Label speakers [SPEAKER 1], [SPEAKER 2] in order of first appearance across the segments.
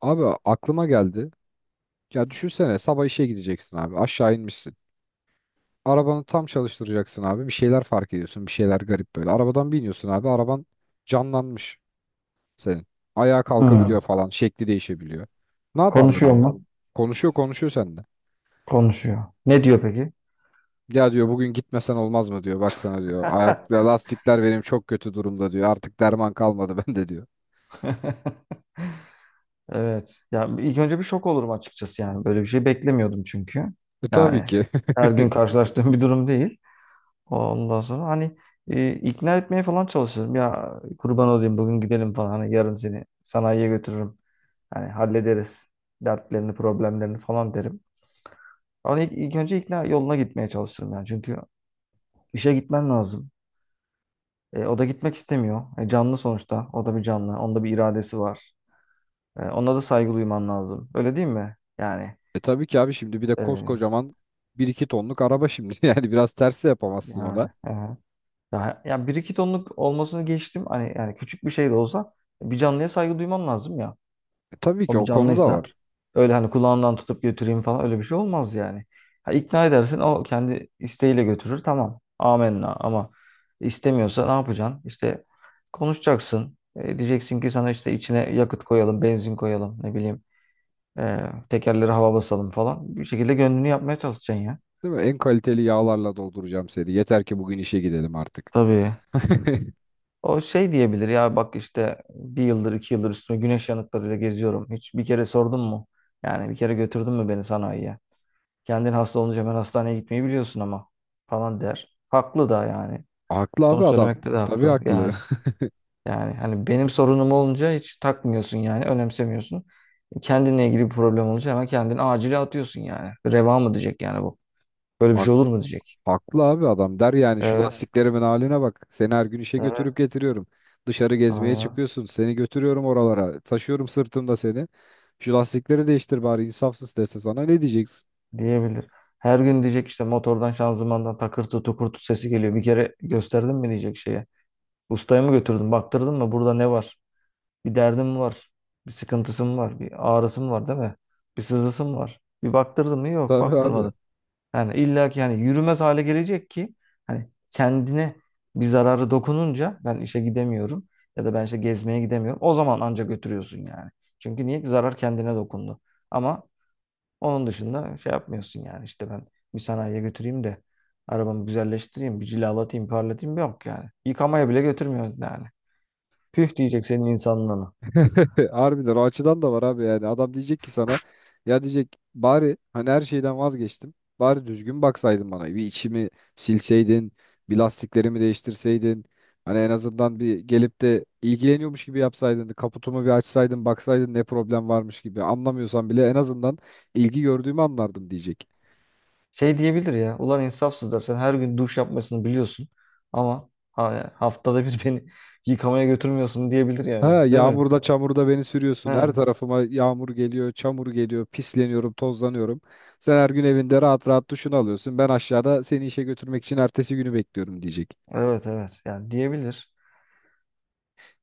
[SPEAKER 1] Abi aklıma geldi. Ya düşünsene sabah işe gideceksin abi. Aşağı inmişsin. Arabanı tam çalıştıracaksın abi. Bir şeyler fark ediyorsun. Bir şeyler garip böyle. Arabadan biniyorsun abi. Araban canlanmış senin. Ayağa
[SPEAKER 2] Hı.
[SPEAKER 1] kalkabiliyor falan. Şekli değişebiliyor. Ne yapardın
[SPEAKER 2] Konuşuyor
[SPEAKER 1] abi?
[SPEAKER 2] mu?
[SPEAKER 1] Konuşuyor seninle.
[SPEAKER 2] Konuşuyor. Ne diyor peki?
[SPEAKER 1] Ya diyor bugün gitmesen olmaz mı diyor. Baksana diyor. Ayak lastikler benim çok kötü durumda diyor. Artık derman kalmadı bende diyor.
[SPEAKER 2] Evet. Ya ilk önce bir şok olurum açıkçası yani. Böyle bir şey beklemiyordum çünkü.
[SPEAKER 1] E tabii
[SPEAKER 2] Yani
[SPEAKER 1] ki.
[SPEAKER 2] her gün karşılaştığım bir durum değil. Ondan sonra hani ikna etmeye falan çalışırım. Ya kurban olayım bugün gidelim falan. Hani yarın seni sanayiye götürürüm. Hani hallederiz dertlerini, problemlerini falan derim. Ama ilk önce ikna yoluna gitmeye çalışırım yani. Çünkü işe gitmen lazım. O da gitmek istemiyor. Canlı sonuçta. O da bir canlı. Onda bir iradesi var. Ona da saygı duyman lazım. Öyle değil mi?
[SPEAKER 1] E tabii ki abi şimdi bir de
[SPEAKER 2] E,
[SPEAKER 1] koskocaman bir iki tonluk araba şimdi. Yani biraz tersi yapamazsın
[SPEAKER 2] yani
[SPEAKER 1] ona.
[SPEAKER 2] e, daha ya bir iki tonluk olmasını geçtim. Hani yani küçük bir şey de olsa bir canlıya saygı duyman lazım ya.
[SPEAKER 1] E, tabii ki
[SPEAKER 2] O bir
[SPEAKER 1] o konu da
[SPEAKER 2] canlıysa
[SPEAKER 1] var.
[SPEAKER 2] öyle hani kulağından tutup götüreyim falan öyle bir şey olmaz yani. Ha, ikna edersin, o kendi isteğiyle götürür, tamam. Amenna ama istemiyorsa ne yapacaksın? İşte konuşacaksın. Diyeceksin ki sana işte içine yakıt koyalım, benzin koyalım, ne bileyim. E, Tekerleri hava basalım falan. Bir şekilde gönlünü yapmaya çalışacaksın ya.
[SPEAKER 1] Değil mi? En kaliteli yağlarla dolduracağım seni. Yeter ki bugün işe gidelim artık.
[SPEAKER 2] Tabii. O şey diyebilir ya, bak işte bir yıldır iki yıldır üstüne güneş yanıklarıyla geziyorum. Hiç bir kere sordun mu? Yani bir kere götürdün mü beni sanayiye? Kendin hasta olunca hemen hastaneye gitmeyi biliyorsun ama, falan der. Haklı da yani.
[SPEAKER 1] Haklı
[SPEAKER 2] Bunu
[SPEAKER 1] abi adam.
[SPEAKER 2] söylemekte de
[SPEAKER 1] Tabii
[SPEAKER 2] haklı.
[SPEAKER 1] haklı.
[SPEAKER 2] Yani hani benim sorunum olunca hiç takmıyorsun yani, önemsemiyorsun. Kendinle ilgili bir problem olunca hemen kendini acile atıyorsun yani. Reva mı diyecek yani bu? Böyle bir şey
[SPEAKER 1] Hak-
[SPEAKER 2] olur mu diyecek.
[SPEAKER 1] Haklı abi adam. Der yani şu
[SPEAKER 2] Evet.
[SPEAKER 1] lastiklerimin haline bak. Seni her gün işe
[SPEAKER 2] Yani
[SPEAKER 1] götürüp
[SPEAKER 2] evet.
[SPEAKER 1] getiriyorum. Dışarı gezmeye
[SPEAKER 2] Aynen.
[SPEAKER 1] çıkıyorsun. Seni götürüyorum oralara. Taşıyorum sırtımda seni. Şu lastikleri değiştir bari insafsız dese sana ne diyeceksin?
[SPEAKER 2] Diyebilir. Her gün diyecek işte motordan şanzımandan takırtı tukurtu sesi geliyor. Bir kere gösterdin mi diyecek şeye. Ustaya mı götürdün, baktırdın mı, burada ne var? Bir derdin mi var? Bir sıkıntısı mı var? Bir ağrısı mı var, değil mi? Bir sızısı mı var? Bir baktırdın mı? Yok,
[SPEAKER 1] Tabii abi.
[SPEAKER 2] baktırmadın. Yani illa ki yani yürümez hale gelecek ki hani kendine bir zararı dokununca ben işe gidemiyorum ya da ben işte gezmeye gidemiyorum. O zaman anca götürüyorsun yani. Çünkü niye? Zarar kendine dokundu. Ama onun dışında şey yapmıyorsun yani, işte ben bir sanayiye götüreyim de arabamı güzelleştireyim, bir cilalatayım, parlatayım, yok yani. Yıkamaya bile götürmüyorsun yani. Püh diyecek senin insanlığına.
[SPEAKER 1] Harbiden o açıdan da var abi yani adam diyecek ki sana ya diyecek bari hani her şeyden vazgeçtim bari düzgün baksaydın bana bir içimi silseydin bir lastiklerimi değiştirseydin hani en azından bir gelip de ilgileniyormuş gibi yapsaydın kaputumu bir açsaydın baksaydın ne problem varmış gibi anlamıyorsan bile en azından ilgi gördüğümü anlardım diyecek.
[SPEAKER 2] Şey diyebilir ya, ulan insafsızlar, sen her gün duş yapmasını biliyorsun ama haftada bir beni yıkamaya götürmüyorsun, diyebilir yani,
[SPEAKER 1] Ha
[SPEAKER 2] değil mi?
[SPEAKER 1] yağmurda çamurda beni sürüyorsun.
[SPEAKER 2] He.
[SPEAKER 1] Her tarafıma yağmur geliyor, çamur geliyor, pisleniyorum, tozlanıyorum. Sen her gün evinde rahat rahat duşunu alıyorsun. Ben aşağıda seni işe götürmek için ertesi günü bekliyorum diyecek.
[SPEAKER 2] Evet evet, yani diyebilir.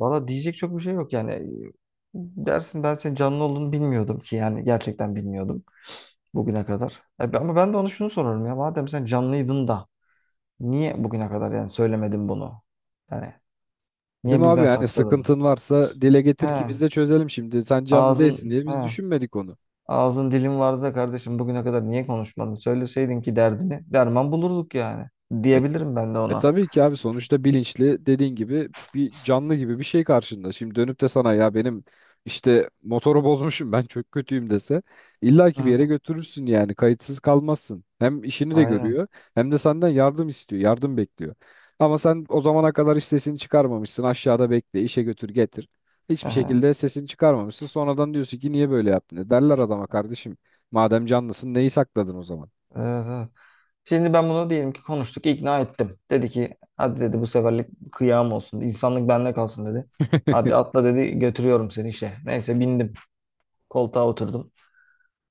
[SPEAKER 2] Valla diyecek çok bir şey yok yani. Dersin ben senin canlı olduğunu bilmiyordum ki, yani gerçekten bilmiyordum bugüne kadar. Ama ben de onu şunu sorarım ya. Madem sen canlıydın da niye bugüne kadar yani söylemedin bunu? Yani
[SPEAKER 1] Değil
[SPEAKER 2] niye
[SPEAKER 1] mi abi?
[SPEAKER 2] bizden
[SPEAKER 1] Yani
[SPEAKER 2] sakladın?
[SPEAKER 1] sıkıntın varsa dile getir
[SPEAKER 2] He,
[SPEAKER 1] ki biz de çözelim şimdi. Sen canlı değilsin
[SPEAKER 2] ağzın
[SPEAKER 1] diye
[SPEAKER 2] he,
[SPEAKER 1] biz düşünmedik onu.
[SPEAKER 2] ağzın dilin vardı da kardeşim, bugüne kadar niye konuşmadın? Söyleseydin ki derdini derman bulurduk yani.
[SPEAKER 1] E
[SPEAKER 2] Diyebilirim ben de
[SPEAKER 1] E
[SPEAKER 2] ona.
[SPEAKER 1] tabii ki abi sonuçta bilinçli dediğin gibi bir canlı gibi bir şey karşında. Şimdi dönüp de sana ya benim işte motoru bozmuşum ben çok kötüyüm dese illa
[SPEAKER 2] Hı
[SPEAKER 1] ki bir yere
[SPEAKER 2] hı.
[SPEAKER 1] götürürsün yani kayıtsız kalmazsın. Hem işini de
[SPEAKER 2] Aynen.
[SPEAKER 1] görüyor hem de senden yardım istiyor, yardım bekliyor. Ama sen o zamana kadar hiç sesini çıkarmamışsın aşağıda bekle işe götür getir. Hiçbir
[SPEAKER 2] Aha.
[SPEAKER 1] şekilde sesini çıkarmamışsın sonradan diyorsun ki niye böyle yaptın? E derler adama kardeşim madem canlısın neyi sakladın o zaman?
[SPEAKER 2] Evet, evet. Şimdi ben bunu, diyelim ki konuştuk, ikna ettim. Dedi ki hadi, dedi, bu seferlik kıyam olsun. İnsanlık bende kalsın dedi. Hadi atla dedi, götürüyorum seni işe. Neyse bindim. Koltuğa oturdum.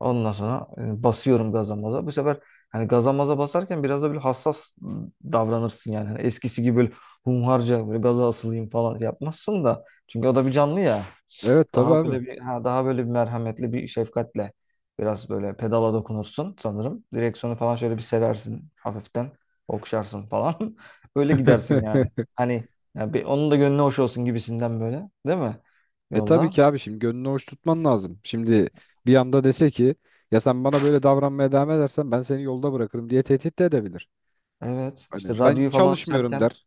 [SPEAKER 2] Ondan sonra basıyorum gaza maza. Bu sefer hani gaza maza basarken biraz da böyle hassas davranırsın yani. Hani eskisi gibi böyle humharca böyle gaza asılayım falan yapmazsın da. Çünkü o da bir canlı ya.
[SPEAKER 1] Evet tabii
[SPEAKER 2] Daha
[SPEAKER 1] abi.
[SPEAKER 2] böyle bir merhametli bir şefkatle biraz böyle pedala dokunursun sanırım. Direksiyonu falan şöyle bir seversin hafiften. Okşarsın falan. Öyle gidersin yani. Hani ya bir, onun da gönlü hoş olsun gibisinden böyle. Değil mi?
[SPEAKER 1] E tabii
[SPEAKER 2] Yolda.
[SPEAKER 1] ki abi şimdi gönlünü hoş tutman lazım. Şimdi bir anda dese ki ya sen bana böyle davranmaya devam edersen ben seni yolda bırakırım diye tehdit de edebilir.
[SPEAKER 2] Evet. İşte
[SPEAKER 1] Hani ben
[SPEAKER 2] radyoyu falan
[SPEAKER 1] çalışmıyorum
[SPEAKER 2] açarken
[SPEAKER 1] der.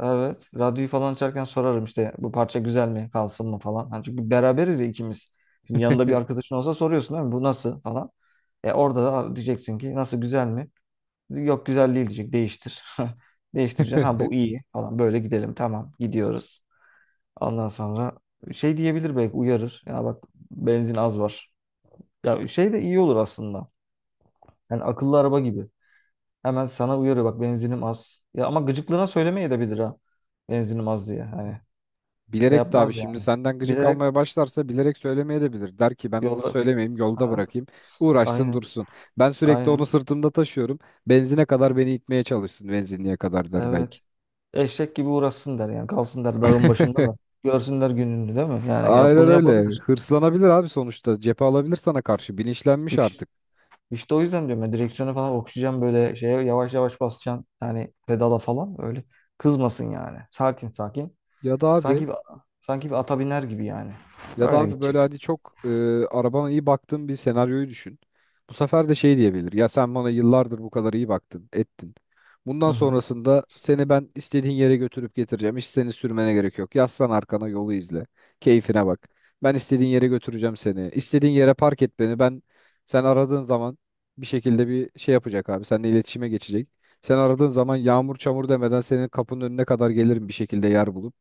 [SPEAKER 2] Evet. Radyoyu falan açarken sorarım işte, bu parça güzel mi, kalsın mı falan. Hani çünkü beraberiz ya ikimiz. Şimdi yanında bir arkadaşın olsa soruyorsun değil mi? Bu nasıl falan. Orada da diyeceksin ki, nasıl, güzel mi? Yok güzel değil diyecek, değiştir. Değiştireceksin, ha bu iyi falan, böyle gidelim, tamam, gidiyoruz. Ondan sonra şey diyebilir, belki uyarır. Ya bak, benzin az var. Ya şey de iyi olur aslında. Yani akıllı araba gibi. Hemen sana uyarıyor, bak benzinim az. Ya ama gıcıklığına söylemeye de bilir ha. Benzinim az diye. Hani şey
[SPEAKER 1] Bilerek de abi
[SPEAKER 2] yapmaz
[SPEAKER 1] şimdi
[SPEAKER 2] yani.
[SPEAKER 1] senden gıcık
[SPEAKER 2] Bilerek
[SPEAKER 1] almaya başlarsa bilerek söylemeyebilir. Der ki ben bunu
[SPEAKER 2] yolla.
[SPEAKER 1] söylemeyeyim yolda
[SPEAKER 2] Ha,
[SPEAKER 1] bırakayım. Uğraşsın
[SPEAKER 2] aynen.
[SPEAKER 1] dursun. Ben sürekli onu
[SPEAKER 2] Aynen.
[SPEAKER 1] sırtımda taşıyorum. Benzine kadar beni itmeye çalışsın benzinliğe kadar der belki.
[SPEAKER 2] Evet. Eşek gibi uğraşsın der yani. Kalsın der dağın başında da. Görsünler gününü, değil mi? Yani yap,
[SPEAKER 1] Aynen
[SPEAKER 2] bunu
[SPEAKER 1] öyle.
[SPEAKER 2] yapabilir.
[SPEAKER 1] Hırslanabilir abi sonuçta. Cephe alabilir sana karşı. Bilinçlenmiş
[SPEAKER 2] İş,
[SPEAKER 1] artık.
[SPEAKER 2] işte o yüzden diyorum ya, direksiyonu falan okşayacağım, böyle şeye yavaş yavaş basacaksın. Yani pedala falan öyle. Kızmasın yani. Sakin sakin.
[SPEAKER 1] Ya da abi
[SPEAKER 2] Sanki bir, sanki bir ata biner gibi yani.
[SPEAKER 1] Ya da
[SPEAKER 2] Öyle
[SPEAKER 1] abi böyle
[SPEAKER 2] gideceksin.
[SPEAKER 1] hadi çok arabana iyi baktığın bir senaryoyu düşün. Bu sefer de şey diyebilir. Ya sen bana yıllardır bu kadar iyi baktın, ettin.
[SPEAKER 2] Hı
[SPEAKER 1] Bundan
[SPEAKER 2] hı.
[SPEAKER 1] sonrasında seni ben istediğin yere götürüp getireceğim. Hiç seni sürmene gerek yok. Yaslan arkana yolu izle. Keyfine bak. Ben istediğin yere götüreceğim seni. İstediğin yere park et beni. Sen aradığın zaman bir şekilde bir şey yapacak abi. Seninle iletişime geçecek. Sen aradığın zaman yağmur çamur demeden senin kapının önüne kadar gelirim bir şekilde yer bulup.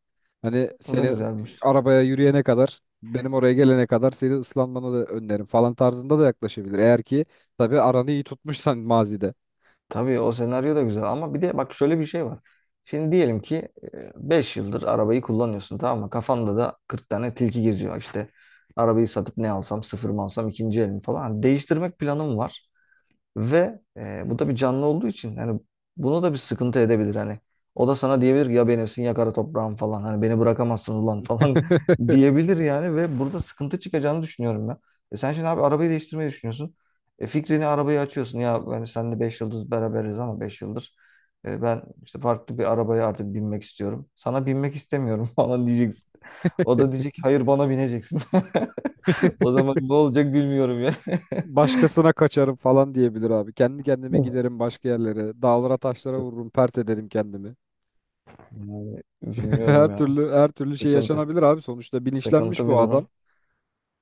[SPEAKER 1] Hani
[SPEAKER 2] O da
[SPEAKER 1] seni
[SPEAKER 2] güzelmiş.
[SPEAKER 1] arabaya yürüyene kadar benim oraya gelene kadar seni ıslanmanı da öneririm falan tarzında da yaklaşabilir. Eğer ki tabii aranı iyi tutmuşsan mazide.
[SPEAKER 2] Tabii o senaryo da güzel ama bir de bak şöyle bir şey var. Şimdi diyelim ki 5 yıldır arabayı kullanıyorsun, tamam mı? Kafanda da 40 tane tilki geziyor. İşte arabayı satıp ne alsam, sıfır mı alsam, ikinci el mi falan. Hani değiştirmek planım var. Ve bu da bir canlı olduğu için hani bunu da bir sıkıntı edebilir hani. O da sana diyebilir ki, ya benimsin ya kara toprağım falan. Hani beni bırakamazsın ulan falan diyebilir yani, ve burada sıkıntı çıkacağını düşünüyorum ben. Sen şimdi abi arabayı değiştirmeyi düşünüyorsun. Fikrini arabayı açıyorsun. Ya ben seninle 5 yıldız beraberiz ama 5 yıldır ben işte farklı bir arabaya artık binmek istiyorum. Sana binmek istemiyorum falan diyeceksin. O da diyecek ki, hayır, bana bineceksin. O zaman ne olacak bilmiyorum ya.
[SPEAKER 1] Başkasına kaçarım falan diyebilir abi. Kendi kendime giderim başka yerlere. Dağlara taşlara vururum, pert ederim kendimi.
[SPEAKER 2] Yani bilmiyorum
[SPEAKER 1] Her
[SPEAKER 2] ya.
[SPEAKER 1] türlü şey
[SPEAKER 2] Sıkıntı.
[SPEAKER 1] yaşanabilir abi. Sonuçta bilinçlenmiş
[SPEAKER 2] Sıkıntı bir
[SPEAKER 1] bu adam.
[SPEAKER 2] durum.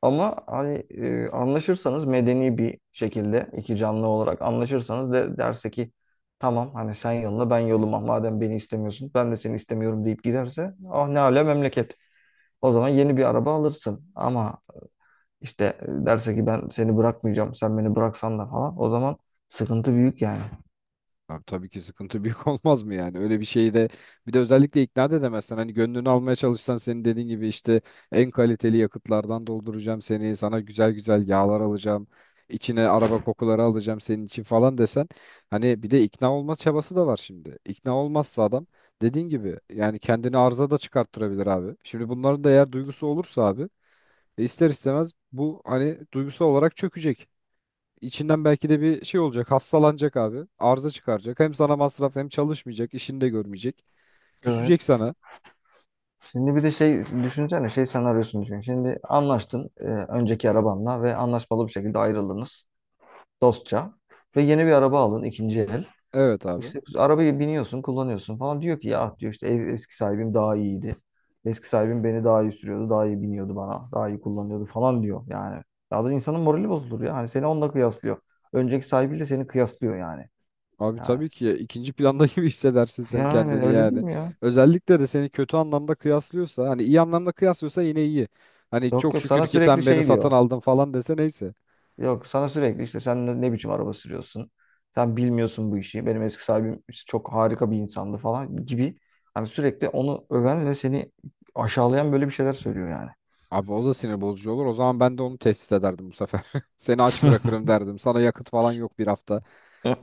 [SPEAKER 2] Ama hani anlaşırsanız, medeni bir şekilde iki canlı olarak anlaşırsanız, de derse ki tamam hani sen yoluna ben yoluma, madem beni istemiyorsun ben de seni istemiyorum deyip giderse, ah ne ala memleket. O zaman yeni bir araba alırsın, ama işte derse ki ben seni bırakmayacağım, sen beni bıraksan da falan, o zaman sıkıntı büyük yani.
[SPEAKER 1] Abi tabii ki sıkıntı büyük olmaz mı yani? Öyle bir şeyi de bir de özellikle ikna da edemezsen hani gönlünü almaya çalışsan senin dediğin gibi işte en kaliteli yakıtlardan dolduracağım seni, sana güzel güzel yağlar alacağım, içine araba kokuları alacağım senin için falan desen hani bir de ikna olma çabası da var şimdi. İkna olmazsa adam dediğin gibi yani kendini arıza da çıkarttırabilir abi. Şimdi bunların da eğer duygusu olursa abi e ister istemez bu hani duygusal olarak çökecek. İçinden belki de bir şey olacak. Hastalanacak abi. Arıza çıkaracak. Hem sana masraf hem çalışmayacak. İşini de görmeyecek. Küsecek
[SPEAKER 2] Evet.
[SPEAKER 1] sana.
[SPEAKER 2] Şimdi bir de şey düşünsene, şey senaryosunu düşün. Şimdi anlaştın önceki arabanla ve anlaşmalı bir şekilde ayrıldınız, dostça ve yeni bir araba alın, ikinci el.
[SPEAKER 1] Evet abi.
[SPEAKER 2] İşte arabayı biniyorsun, kullanıyorsun falan. Diyor ki ya, diyor, işte eski sahibim daha iyiydi. Eski sahibim beni daha iyi sürüyordu, daha iyi biniyordu bana, daha iyi kullanıyordu falan diyor yani. Ya da insanın morali bozulur ya. Hani seni onunla kıyaslıyor. Önceki sahibiyle seni kıyaslıyor yani.
[SPEAKER 1] Abi
[SPEAKER 2] Yani,
[SPEAKER 1] tabii ki ikinci planda gibi hissedersin sen
[SPEAKER 2] yani
[SPEAKER 1] kendini
[SPEAKER 2] öyle değil
[SPEAKER 1] yani.
[SPEAKER 2] mi ya?
[SPEAKER 1] Özellikle de seni kötü anlamda kıyaslıyorsa hani iyi anlamda kıyaslıyorsa yine iyi. Hani
[SPEAKER 2] Yok
[SPEAKER 1] çok
[SPEAKER 2] yok,
[SPEAKER 1] şükür
[SPEAKER 2] sana
[SPEAKER 1] ki
[SPEAKER 2] sürekli
[SPEAKER 1] sen beni
[SPEAKER 2] şey
[SPEAKER 1] satın
[SPEAKER 2] diyor.
[SPEAKER 1] aldın falan dese neyse.
[SPEAKER 2] Yok, sana sürekli işte, sen ne biçim araba sürüyorsun? Sen bilmiyorsun bu işi. Benim eski sahibim işte çok harika bir insandı falan gibi. Hani sürekli onu öven ve seni aşağılayan böyle bir şeyler söylüyor yani.
[SPEAKER 1] Abi o da sinir bozucu olur. O zaman ben de onu tehdit ederdim bu sefer. Seni aç bırakırım derdim. Sana yakıt falan yok bir hafta.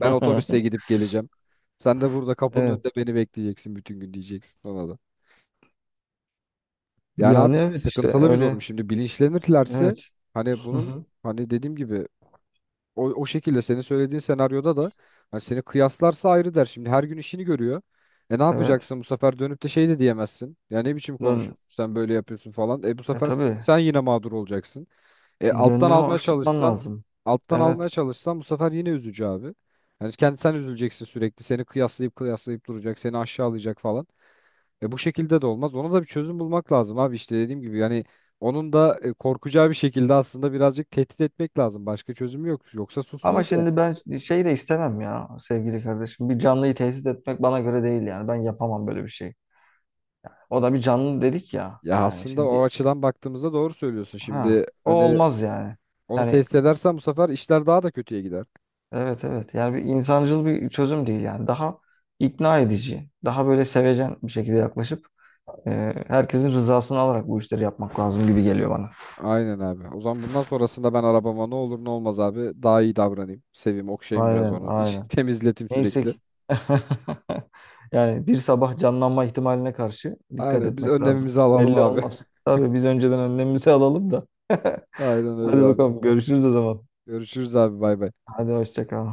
[SPEAKER 1] Ben otobüste gidip geleceğim. Sen de burada kapının
[SPEAKER 2] Evet.
[SPEAKER 1] önünde beni bekleyeceksin bütün gün diyeceksin ona da. Yani
[SPEAKER 2] Yani
[SPEAKER 1] abi
[SPEAKER 2] evet, işte
[SPEAKER 1] sıkıntılı bir durum.
[SPEAKER 2] öyle.
[SPEAKER 1] Şimdi bilinçlenirlerse
[SPEAKER 2] Evet.
[SPEAKER 1] hani
[SPEAKER 2] Hı
[SPEAKER 1] bunun
[SPEAKER 2] hı.
[SPEAKER 1] hani dediğim gibi o şekilde senin söylediğin senaryoda da hani seni kıyaslarsa ayrı der. Şimdi her gün işini görüyor. E ne
[SPEAKER 2] Evet.
[SPEAKER 1] yapacaksın bu sefer dönüp de şey de diyemezsin. Ya ne biçim
[SPEAKER 2] Gön
[SPEAKER 1] konuşuyorsun sen böyle yapıyorsun falan. E bu
[SPEAKER 2] e
[SPEAKER 1] sefer
[SPEAKER 2] tabii.
[SPEAKER 1] sen yine mağdur olacaksın. E, alttan
[SPEAKER 2] Gönlünü
[SPEAKER 1] almaya
[SPEAKER 2] hoş tutman
[SPEAKER 1] çalışsan,
[SPEAKER 2] lazım.
[SPEAKER 1] Alttan almaya
[SPEAKER 2] Evet.
[SPEAKER 1] çalışsan bu sefer yine üzücü abi. Yani kendi sen üzüleceksin sürekli. Seni kıyaslayıp duracak, seni aşağılayacak falan. E bu şekilde de olmaz. Ona da bir çözüm bulmak lazım abi. İşte dediğim gibi yani onun da korkacağı bir şekilde aslında birazcık tehdit etmek lazım. Başka çözümü yok. Yoksa
[SPEAKER 2] Ama
[SPEAKER 1] susmaz ya.
[SPEAKER 2] şimdi ben şey de istemem ya sevgili kardeşim. Bir canlıyı tesis etmek bana göre değil yani. Ben yapamam böyle bir şey. O da bir canlı dedik ya.
[SPEAKER 1] Ya
[SPEAKER 2] Yani
[SPEAKER 1] aslında o
[SPEAKER 2] şimdi.
[SPEAKER 1] açıdan baktığımızda doğru söylüyorsun.
[SPEAKER 2] Ha,
[SPEAKER 1] Şimdi
[SPEAKER 2] o
[SPEAKER 1] hani
[SPEAKER 2] olmaz yani.
[SPEAKER 1] onu
[SPEAKER 2] Yani
[SPEAKER 1] tehdit edersen bu sefer işler daha da kötüye gider.
[SPEAKER 2] evet evet. Yani bir insancıl bir çözüm değil yani. Daha ikna edici, daha böyle sevecen bir şekilde yaklaşıp herkesin rızasını alarak bu işleri yapmak lazım gibi geliyor bana.
[SPEAKER 1] Aynen abi. O zaman bundan sonrasında ben arabama ne olur ne olmaz abi daha iyi davranayım. Seveyim, okşayayım biraz
[SPEAKER 2] Aynen,
[SPEAKER 1] onu.
[SPEAKER 2] aynen.
[SPEAKER 1] Temizletim
[SPEAKER 2] Neyse
[SPEAKER 1] sürekli.
[SPEAKER 2] ki yani bir sabah canlanma ihtimaline karşı dikkat
[SPEAKER 1] Aynen biz
[SPEAKER 2] etmek lazım.
[SPEAKER 1] önlemimizi alalım
[SPEAKER 2] Belli
[SPEAKER 1] abi.
[SPEAKER 2] olmaz. Tabii biz önceden önlemimizi alalım da.
[SPEAKER 1] Aynen öyle
[SPEAKER 2] Hadi
[SPEAKER 1] abi.
[SPEAKER 2] bakalım, görüşürüz o zaman.
[SPEAKER 1] Görüşürüz abi bay bay.
[SPEAKER 2] Hadi hoşça kal.